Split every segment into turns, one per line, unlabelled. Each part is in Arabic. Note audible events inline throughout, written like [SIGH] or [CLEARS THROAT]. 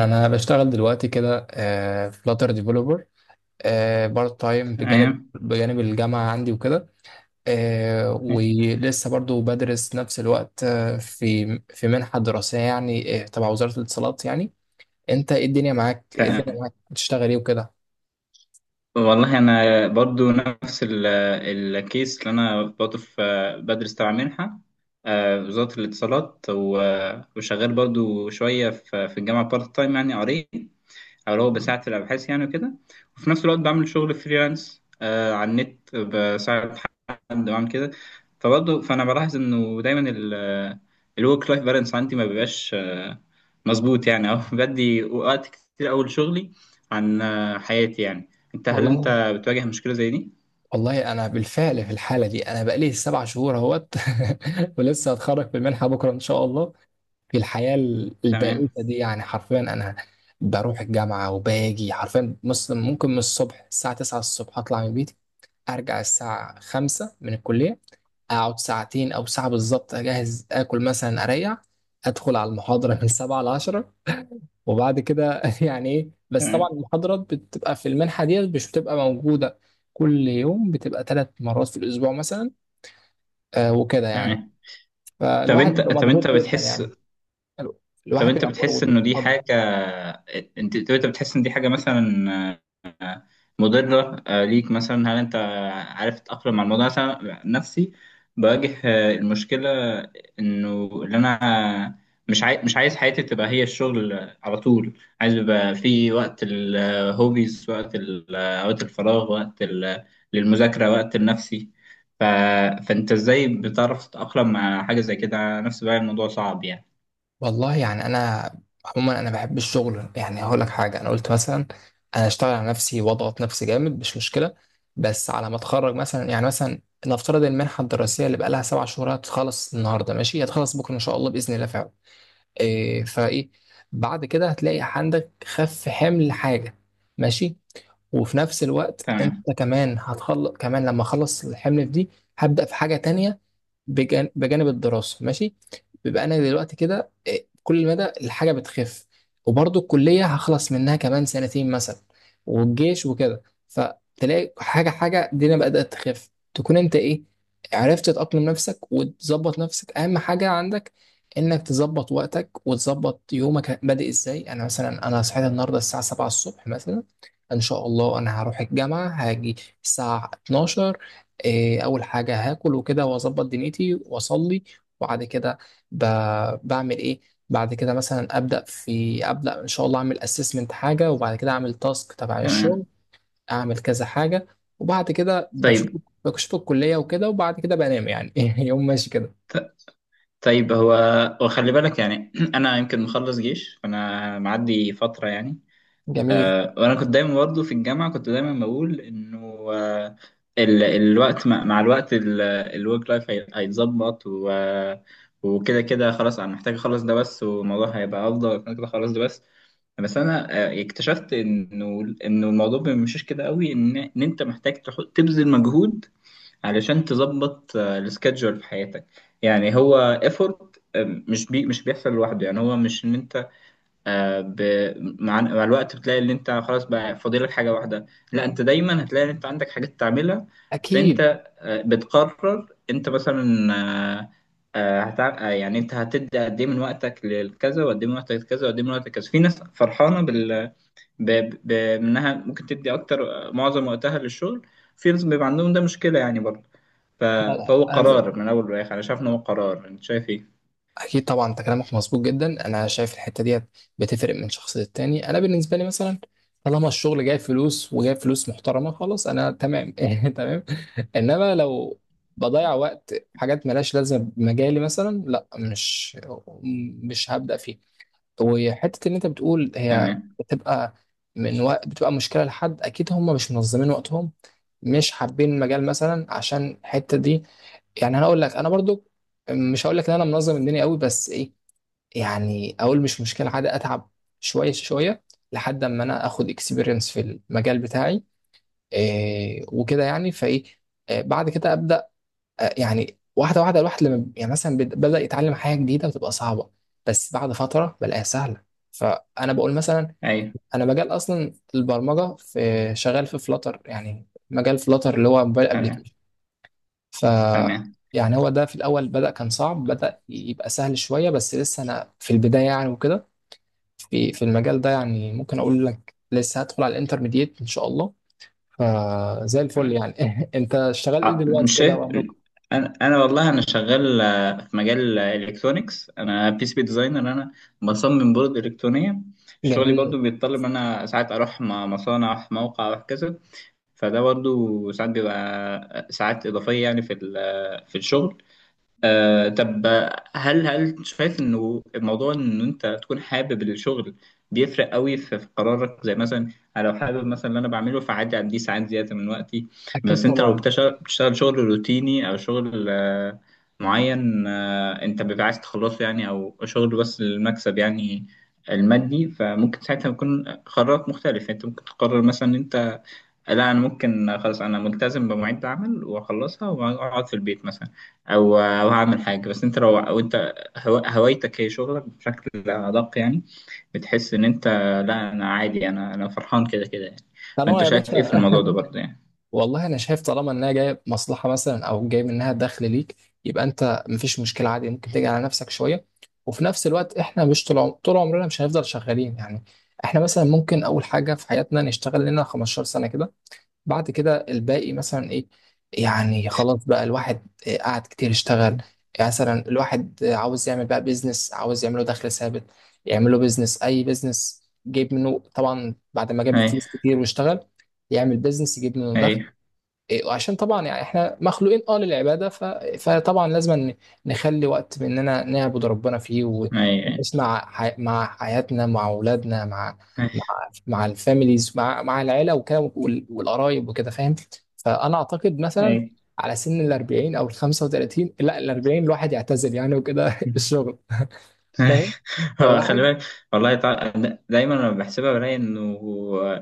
انا بشتغل دلوقتي كده، فلاتر ديفلوبر بارت تايم بجانب
تمام.
بجانب الجامعه عندي وكده. ولسه برضو بدرس نفس الوقت. في في منحه دراسيه يعني، تبع وزاره الاتصالات يعني. انت ايه الدنيا معاك،
تمام
بتشتغل ايه وكده؟
والله انا برضو نفس الكيس اللي انا برضو في، بدرس تبع منحه، وزاره الاتصالات، وشغال برضو شويه في الجامعه بارت تايم يعني قريب، او لو بساعد في الابحاث يعني وكده. وفي نفس الوقت بعمل شغل فريلانس على النت، بساعد حد، بعمل كده. فبرضو فانا بلاحظ انه دايما الورك لايف بالانس عندي ما بيبقاش مظبوط يعني. اه بدي وقت كتير أوي لشغلي عن حياتي يعني. هل انت
والله.
بتواجه مشكلة زي دي؟
والله انا بالفعل في الحاله دي، انا بقالي سبع شهور اهوت [LAUGHS] ولسه هتخرج في المنحه بكره ان شاء الله. في الحياة البائسة
تمام.
دي يعني، حرفيا أنا بروح الجامعة وباجي. حرفيا مثلا ممكن من الصبح الساعة 9 الصبح أطلع من بيتي، أرجع الساعة 5 من الكلية، أقعد ساعتين أو ساعة بالظبط أجهز آكل مثلا أريح، أدخل على المحاضرة من 7 ل 10. وبعد كده [LAUGHS] يعني إيه، بس
تمام
طبعا المحاضرات بتبقى في المنحة ديت مش بتبقى موجودة كل يوم، بتبقى ثلاث مرات في الأسبوع مثلا. آه وكده يعني.
تمام طب
فالواحد
انت
بيبقى
طب انت
مضغوط جدا
بتحس
يعني،
طب
الواحد
انت
بيبقى
بتحس
مضغوط.
انه دي حاجة، انت بتحس ان دي حاجة مثلا مضرة ليك مثلا؟ هل انت عارف تتأقلم مع الموضوع؟ مثلا نفسي بواجه المشكلة، انه اللي انا مش عايز حياتي تبقى هي الشغل على طول، عايز يبقى في وقت الهوبيز، وقت وقت الفراغ، وقت للمذاكرة، وقت لنفسي. ف... فانت ازاي بتعرف تتأقلم مع حاجة زي كده؟ أنا نفسي بقى الموضوع صعب يعني.
والله يعني انا عموما انا بحب الشغل. يعني هقول لك حاجه، انا قلت مثلا انا اشتغل على نفسي واضغط نفسي جامد مش مشكله، بس على ما اتخرج مثلا. يعني مثلا نفترض المنحه الدراسيه اللي بقى لها سبع شهور هتخلص النهارده، ماشي، هتخلص بكره ان شاء الله باذن الله فعلا. إيه فايه، بعد كده هتلاقي عندك خف حمل حاجه ماشي. وفي نفس الوقت انت
تمام.
كمان هتخلص، كمان لما اخلص الحمل في دي هبدا في حاجه تانية بجانب الدراسة ماشي. بيبقى أنا دلوقتي كده إيه، كل مدى الحاجة بتخف. وبرضه الكلية هخلص منها كمان سنتين مثلا، والجيش وكده. فتلاقي حاجة، حاجة الدنيا بدأت تخف، تكون أنت إيه، عرفت تأقلم نفسك وتظبط نفسك. أهم حاجة عندك إنك تظبط وقتك وتظبط يومك، بادئ إزاي. أنا مثلا أنا صحيت النهاردة الساعة 7 الصبح مثلا، إن شاء الله أنا هروح الجامعة هاجي الساعة 12. إيه، اول حاجه هاكل وكده واظبط دنيتي واصلي، وبعد كده ب... بعمل ايه؟ بعد كده مثلا ابدا في ابدا ان شاء الله اعمل اسسمنت حاجه، وبعد كده اعمل تاسك تبع الشغل،
تمام
اعمل كذا حاجه. وبعد كده بشوف،
طيب.
بشوف الكليه وكده، وبعد كده بنام يعني. [LAUGHS] يوم ماشي كده.
طيب هو وخلي بالك يعني [CLEARS THROAT] انا يمكن مخلص جيش فانا معدي فتره يعني.
جميل.
وانا كنت دايما برضه في الجامعه، كنت دايما بقول انه آه، الوقت مع الوقت الورك لايف هيتظبط، وكده كده خلاص انا محتاج اخلص ده بس والموضوع هيبقى افضل، كده كده اخلص ده بس. بس انا اكتشفت انه الموضوع مشيش كده قوي، ان انت محتاج تبذل مجهود علشان تظبط السكادجول في حياتك، يعني هو ايفورت، مش بيحصل لوحده. يعني هو مش ان انت آه، ب... مع الوقت بتلاقي ان انت خلاص بقى فاضلك حاجه واحده، لا، انت دايما هتلاقي ان انت عندك حاجات تعملها.
اكيد.
فانت بتقرر انت مثلا، آه، آه، هتع... آه، يعني انت هتدي قد ايه من وقتك للكذا، وقد ايه من وقتك لكذا، وقد ايه من وقتك لكذا. في ناس فرحانه بانها ممكن تدي اكتر، معظم وقتها للشغل، في ناس بيبقى عندهم ده مشكله يعني برضه. ف...
لا
فهو
لا انا.
قرار من أول وآخر، أنا شايف إن هو قرار، أنت شايف إيه؟
اكيد طبعا، انت كلامك مظبوط جدا. انا شايف الحته ديت بتفرق من شخص للتاني. انا بالنسبه لي مثلا طالما الشغل جايب فلوس، وجايب فلوس محترمه، خلاص انا تمام [LAUGHS] تمام. انما لو بضيع وقت في حاجات ملهاش لازمه بمجالي مثلا، لا، مش هبدا فيه. وحته اللي انت بتقول هي
تمام.
بتبقى من وقت، بتبقى مشكله لحد اكيد هم مش منظمين وقتهم، مش حابين المجال مثلا عشان الحته دي. يعني انا اقول لك، انا برضو مش هقول لك ان انا منظم الدنيا قوي، بس ايه، يعني اقول مش مشكله عادي، اتعب شويه شويه لحد اما انا اخد اكسبيرينس في المجال بتاعي. إيه وكده يعني فايه. بعد كده ابدا. يعني واحده واحده الواحد لما يعني مثلا بدا يتعلم حاجه جديده وتبقى صعبه، بس بعد فتره بلاقيها سهله. فانا بقول مثلا،
أيوه.
انا مجال اصلا البرمجه في، شغال في فلاتر، يعني مجال فلاتر اللي هو موبايل.
تمام
ف،
تمام
يعني هو ده في الأول بدأ كان صعب، بدأ يبقى سهل شوية، بس لسه أنا في البداية يعني وكده. في المجال ده يعني، ممكن أقول لك لسه هدخل على الانترميديت إن شاء الله، فزي الفل
تمام
يعني. [LAUGHS] أنت شغال إيه دلوقتي
مش
كده
شايف.
برضك؟
أنا والله أنا شغال في مجال الإلكترونيكس، أنا بي سي بي ديزاينر، أنا بصمم بورد إلكترونية. شغلي
جميل.
برضو بيتطلب إن أنا ساعات أروح مصانع، أروح موقع، أروح كذا. فده برضو ساعات بيبقى ساعات إضافية يعني في في الشغل. طب هل شايف انه الموضوع ان انت تكون حابب الشغل بيفرق قوي في قرارك؟ زي مثلا أنا لو حابب مثلا اللي انا بعمله، فعادي اديه ساعات زياده من وقتي.
أكيد
بس انت لو
طبعا.
بتشتغل شغل روتيني، او شغل معين انت بيبقى عايز تخلصه يعني، او شغل بس للمكسب يعني المادي، فممكن ساعتها يكون قرارك مختلف. يعني انت ممكن تقرر مثلا انت لا، انا ممكن خلاص انا ملتزم بمواعيد عمل واخلصها واقعد في البيت مثلا، او هعمل حاجه. بس انت لو او انت هوايتك هي شغلك بشكل ادق، يعني بتحس ان انت لا انا عادي، انا فرحان كده كده يعني.
طالما
فانت
يا
شايف
باشا.
ايه في الموضوع ده برضه يعني؟
والله انا شايف طالما انها جايه مصلحه مثلا او جاي منها دخل ليك، يبقى انت مفيش مشكله عادي، ممكن تيجي على نفسك شويه. وفي نفس الوقت احنا مش طول عمرنا مش هنفضل شغالين يعني. احنا مثلا ممكن اول حاجه في حياتنا نشتغل لنا 15 سنه كده، بعد كده الباقي مثلا ايه، يعني خلاص بقى الواحد إيه قعد كتير يشتغل. يعني مثلا الواحد عاوز يعمل بقى بيزنس، عاوز يعمله دخل ثابت، يعمله بيزنس، اي بيزنس جايب منه طبعا بعد ما جاب
اي.
فلوس كتير واشتغل، يعمل بيزنس يجيب منه
اي.
دخل. إيه، وعشان طبعا يعني احنا مخلوقين اه للعباده، فطبعا لازم نخلي وقت مننا نعبد ربنا فيه،
اي. اي.
ونسمع مع حياتنا، مع اولادنا، مع مع الفاميليز، مع العيله وكده، والقرايب وكده، فاهم. فانا اعتقد
اي.
مثلا على سن ال 40 او ال 35، لا ال 40، الواحد يعتزل يعني وكده [LAUGHS] الشغل.
أي.
فاهم.
[LAUGHS] هو خلي
فالواحد.
بالك، والله تع- دايما لما بحسبها بلاقي انه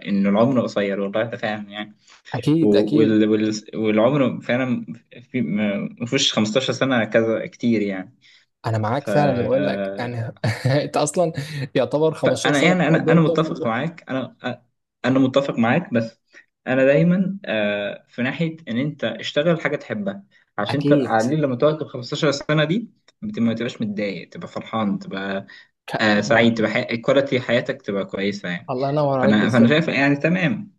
انه العمر قصير، والله ده فعلا.
اكيد اكيد
والعمر فعلا في ما فيهوش 15 سنة كذا كتير يعني.
انا معاك
ف...
فعلا بقول لك يعني. [LAUGHS] انت اصلا يعتبر 15
فأنا
سنه
يعني،
بتبقى
أنا
قدام
أنا
طفل.
متفق معاك، أنا متفق معاك، بس أنا دايما في ناحية إن أنت اشتغل حاجة تحبها، عشان أنت
اكيد.
على الأقل لما تقعد ال 15 سنة دي ما تبقاش متضايق، تبقى فرحان، تبقى
ك...
سعيد،
ك-
تبقى كواليتي حياتك تبقى كويسة يعني.
الله ينور عليك
فأنا
بالظبط.
شايف يعني. تمام.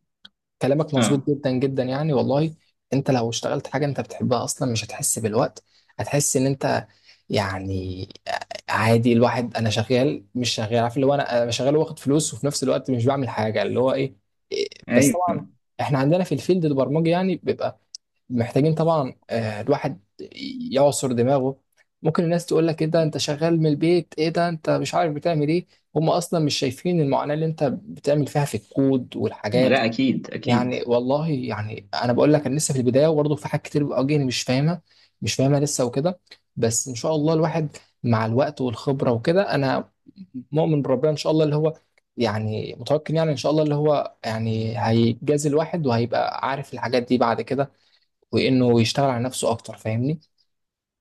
كلامك مظبوط
أه.
جدا جدا يعني والله. انت لو اشتغلت حاجه انت بتحبها اصلا مش هتحس بالوقت، هتحس ان انت يعني عادي. الواحد انا شغال مش شغال عارف اللي هو، انا شغال واخد فلوس وفي نفس الوقت مش بعمل حاجه اللي هو ايه. إيه، بس طبعا
أيوه.
احنا عندنا في الفيلد البرمجي يعني بيبقى محتاجين طبعا، الواحد يعصر دماغه. ممكن الناس تقول لك ايه ده انت شغال من البيت، ايه ده انت مش عارف بتعمل ايه، هم اصلا مش شايفين المعاناة اللي انت بتعمل فيها في الكود والحاجات.
لا، أكيد أكيد.
يعني والله يعني انا بقول لك، انا لسه في البداية، وبرضه في حاجات كتير بتواجهني مش فاهمها لسه وكده. بس ان شاء الله الواحد مع الوقت والخبرة وكده، انا مؤمن بربنا ان شاء الله اللي هو يعني متوكل، يعني ان شاء الله اللي هو يعني هيجازي الواحد وهيبقى عارف الحاجات دي بعد كده، وانه يشتغل على نفسه اكتر، فاهمني؟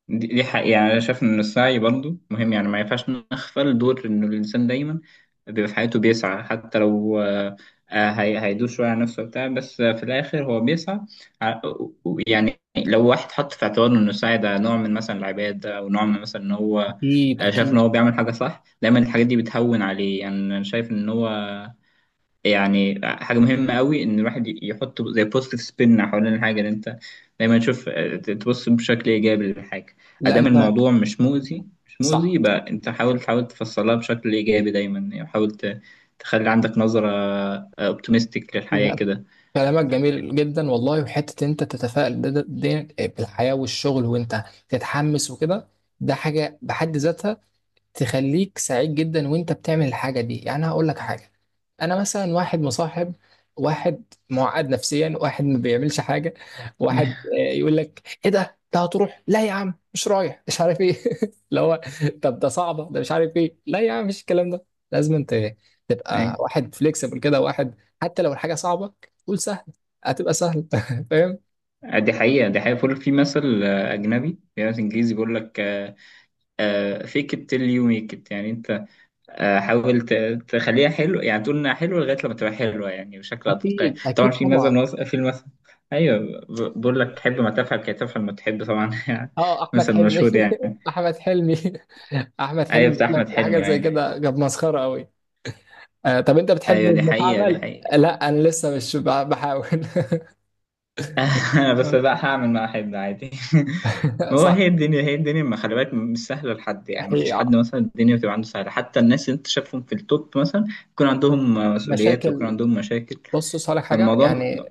دي حقيقة. يعني أنا شايف إن السعي برضه مهم، يعني ما ينفعش نغفل دور إن الإنسان دايما بيبقى في حياته بيسعى، حتى لو هيدوس شوية على نفسه وبتاع، بس في الآخر هو بيسعى. ع- يعني لو واحد حط في اعتباره إن السعي ده نوع من مثلا العبادة، أو نوع من مثلا إن هو
اكيد
شايف إن
اكيد
هو بيعمل حاجة صح، دايما الحاجات دي بتهون عليه. يعني أنا شايف إن هو يعني حاجة مهمة قوي إن الواحد يحط زي بوزيتيف سبين حوالين الحاجة، اللي أنت دايما تشوف تبص بشكل إيجابي للحاجة.
لا
أدام
انت.
الموضوع مش مؤذي، مش مؤذي،
صح.
يبقى أنت حاول، تحاول تفصلها بشكل إيجابي دايما يعني، تخلي عندك نظرة أوبتيمستيك للحياة
لا
كده.
كلامك جميل جدا والله، وحته إن انت تتفائل دي بالحياه والشغل، وانت تتحمس وكده، ده حاجه بحد ذاتها تخليك سعيد جدا وانت بتعمل الحاجة دي. يعني هقول لك حاجة، انا مثلا واحد مصاحب واحد معقد نفسيا، واحد ما بيعملش حاجة، واحد
[LAUGHS]
يقول لك ايه ده انت هتروح، لا يا عم مش رايح مش عارف ايه [LAUGHS] اللي هو طب ده صعبة ده مش عارف ايه، لا يا عم مش الكلام ده. لازم انت تبقى
أي.
واحد فليكسبل كده، واحد حتى لو الحاجة صعبة قول سهل، هتبقى سهل. [LAUGHS] فاهم.
دي حقيقة. بيقول في مثل أجنبي، في مثل إنجليزي بيقول لك فيك it till you make it، يعني أنت آه، حاول ت- تخليها حلو، يعني تقول انها حلوه لغايه لما تبقى حلوه، يعني وشكلها تلقائي.
اكيد
طبعا
اكيد
في مثل
طبعا.
في المثل، ايوه، بقول لك حب ما تفعل كي تفعل ما تحب، طبعا [LAUGHS] يعني.
اه احمد
مثل
حلمي.
مشهور يعني.
[LAUGHS] احمد حلمي. [LAUGHS] احمد حلمي
ايوه، بتاع
بيقول
احمد
لك
حلمي.
حاجه زي
ايوه.
كده كانت مسخره قوي. آه طب انت بتحب
ايوه.
ابن
دي
عمل،
حقيقه.
لا انا لسه مش بحاول.
[LAUGHS] بس بقى
[LAUGHS]
هعمل ما احب عادي. [LAUGHS] ما هو هي
صح.
الدنيا، ما خلي بالك مش سهله لحد يعني، ما
هي
فيش حد مثلا الدنيا بتبقى عنده سهله، حتى الناس اللي انت شايفهم في التوب مثلا يكون عندهم مسؤوليات ويكون
مشاكل.
عندهم مشاكل.
بص صالح حاجه
فالموضوع
يعني.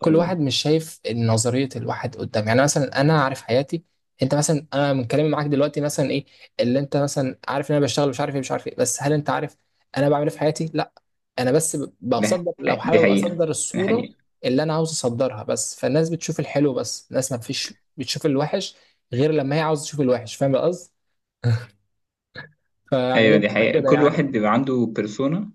كل
قول
واحد
لي.
مش شايف نظريه الواحد قدام، يعني مثلا انا عارف حياتي. انت مثلا انا من كلامي معاك دلوقتي مثلا ايه اللي انت مثلا عارف، ان انا بشتغل مش عارف ايه مش عارف ايه، بس هل انت عارف انا بعمل ايه في حياتي؟ لا. انا بس
دي
بصدر لو
حقيقة.
حابب اصدر
دي
الصوره
حقيقة
اللي انا عاوز اصدرها بس. فالناس بتشوف الحلو بس، الناس ما فيش بتشوف الوحش غير لما هي عاوزه تشوف الوحش، فاهم القصد. فيعني هي
أيوة، دي
بتبقى
حقيقة.
كده
كل
يعني.
واحد بيبقى عنده بيرسونا،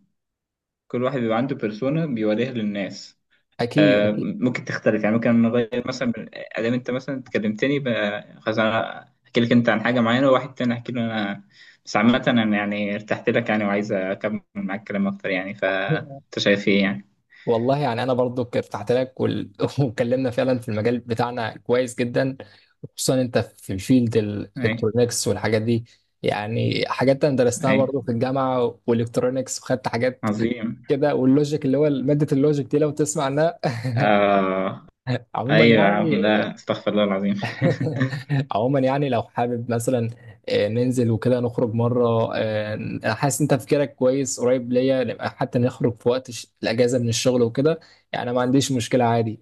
بيوريها للناس.
اكيد
آه،
اكيد
ممكن تختلف، يعني ممكن نغير مثلا أدام أنت مثلا خلاص أنا أحكي لك أنت عن حاجة معينة، وواحد تاني أحكي له أنا. بس عامة أنا يعني ارتحت لك يعني، وعايز أكمل معاك كلام أكتر يعني. فأنت شايف إيه يعني؟
والله يعني انا برضو ارتحت لك [LAUGHS] واتكلمنا فعلا في المجال بتاعنا كويس جدا، خصوصا انت في فيلد
أي.
الالكترونيكس والحاجات دي. يعني حاجات انا درستها
أي.
برضو في الجامعه، والالكترونيكس وخدت حاجات
عظيم.
كده، واللوجيك اللي هو ماده اللوجيك دي لو تسمع عنها. [LAUGHS]
آه.
عموما
أيوة يا عم،
يعني.
لا استغفر الله العظيم. [LAUGHS]
[LAUGHS] عموما يعني لو حابب مثلا، ننزل وكده نخرج مره. انا حاسس انت تفكيرك كويس قريب ليا، نبقى حتى نخرج في وقت الاجازه من الشغل وكده، يعني ما عنديش مشكله عادي.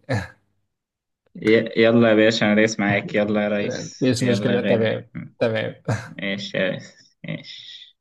يلا يا باشا، انا ريس معاك، يلا يا
[LAUGHS]
ريس،
مفيش
يلا يا
مشكله.
غالي.
تمام. تمام.
ماشي يا ريس ماشي.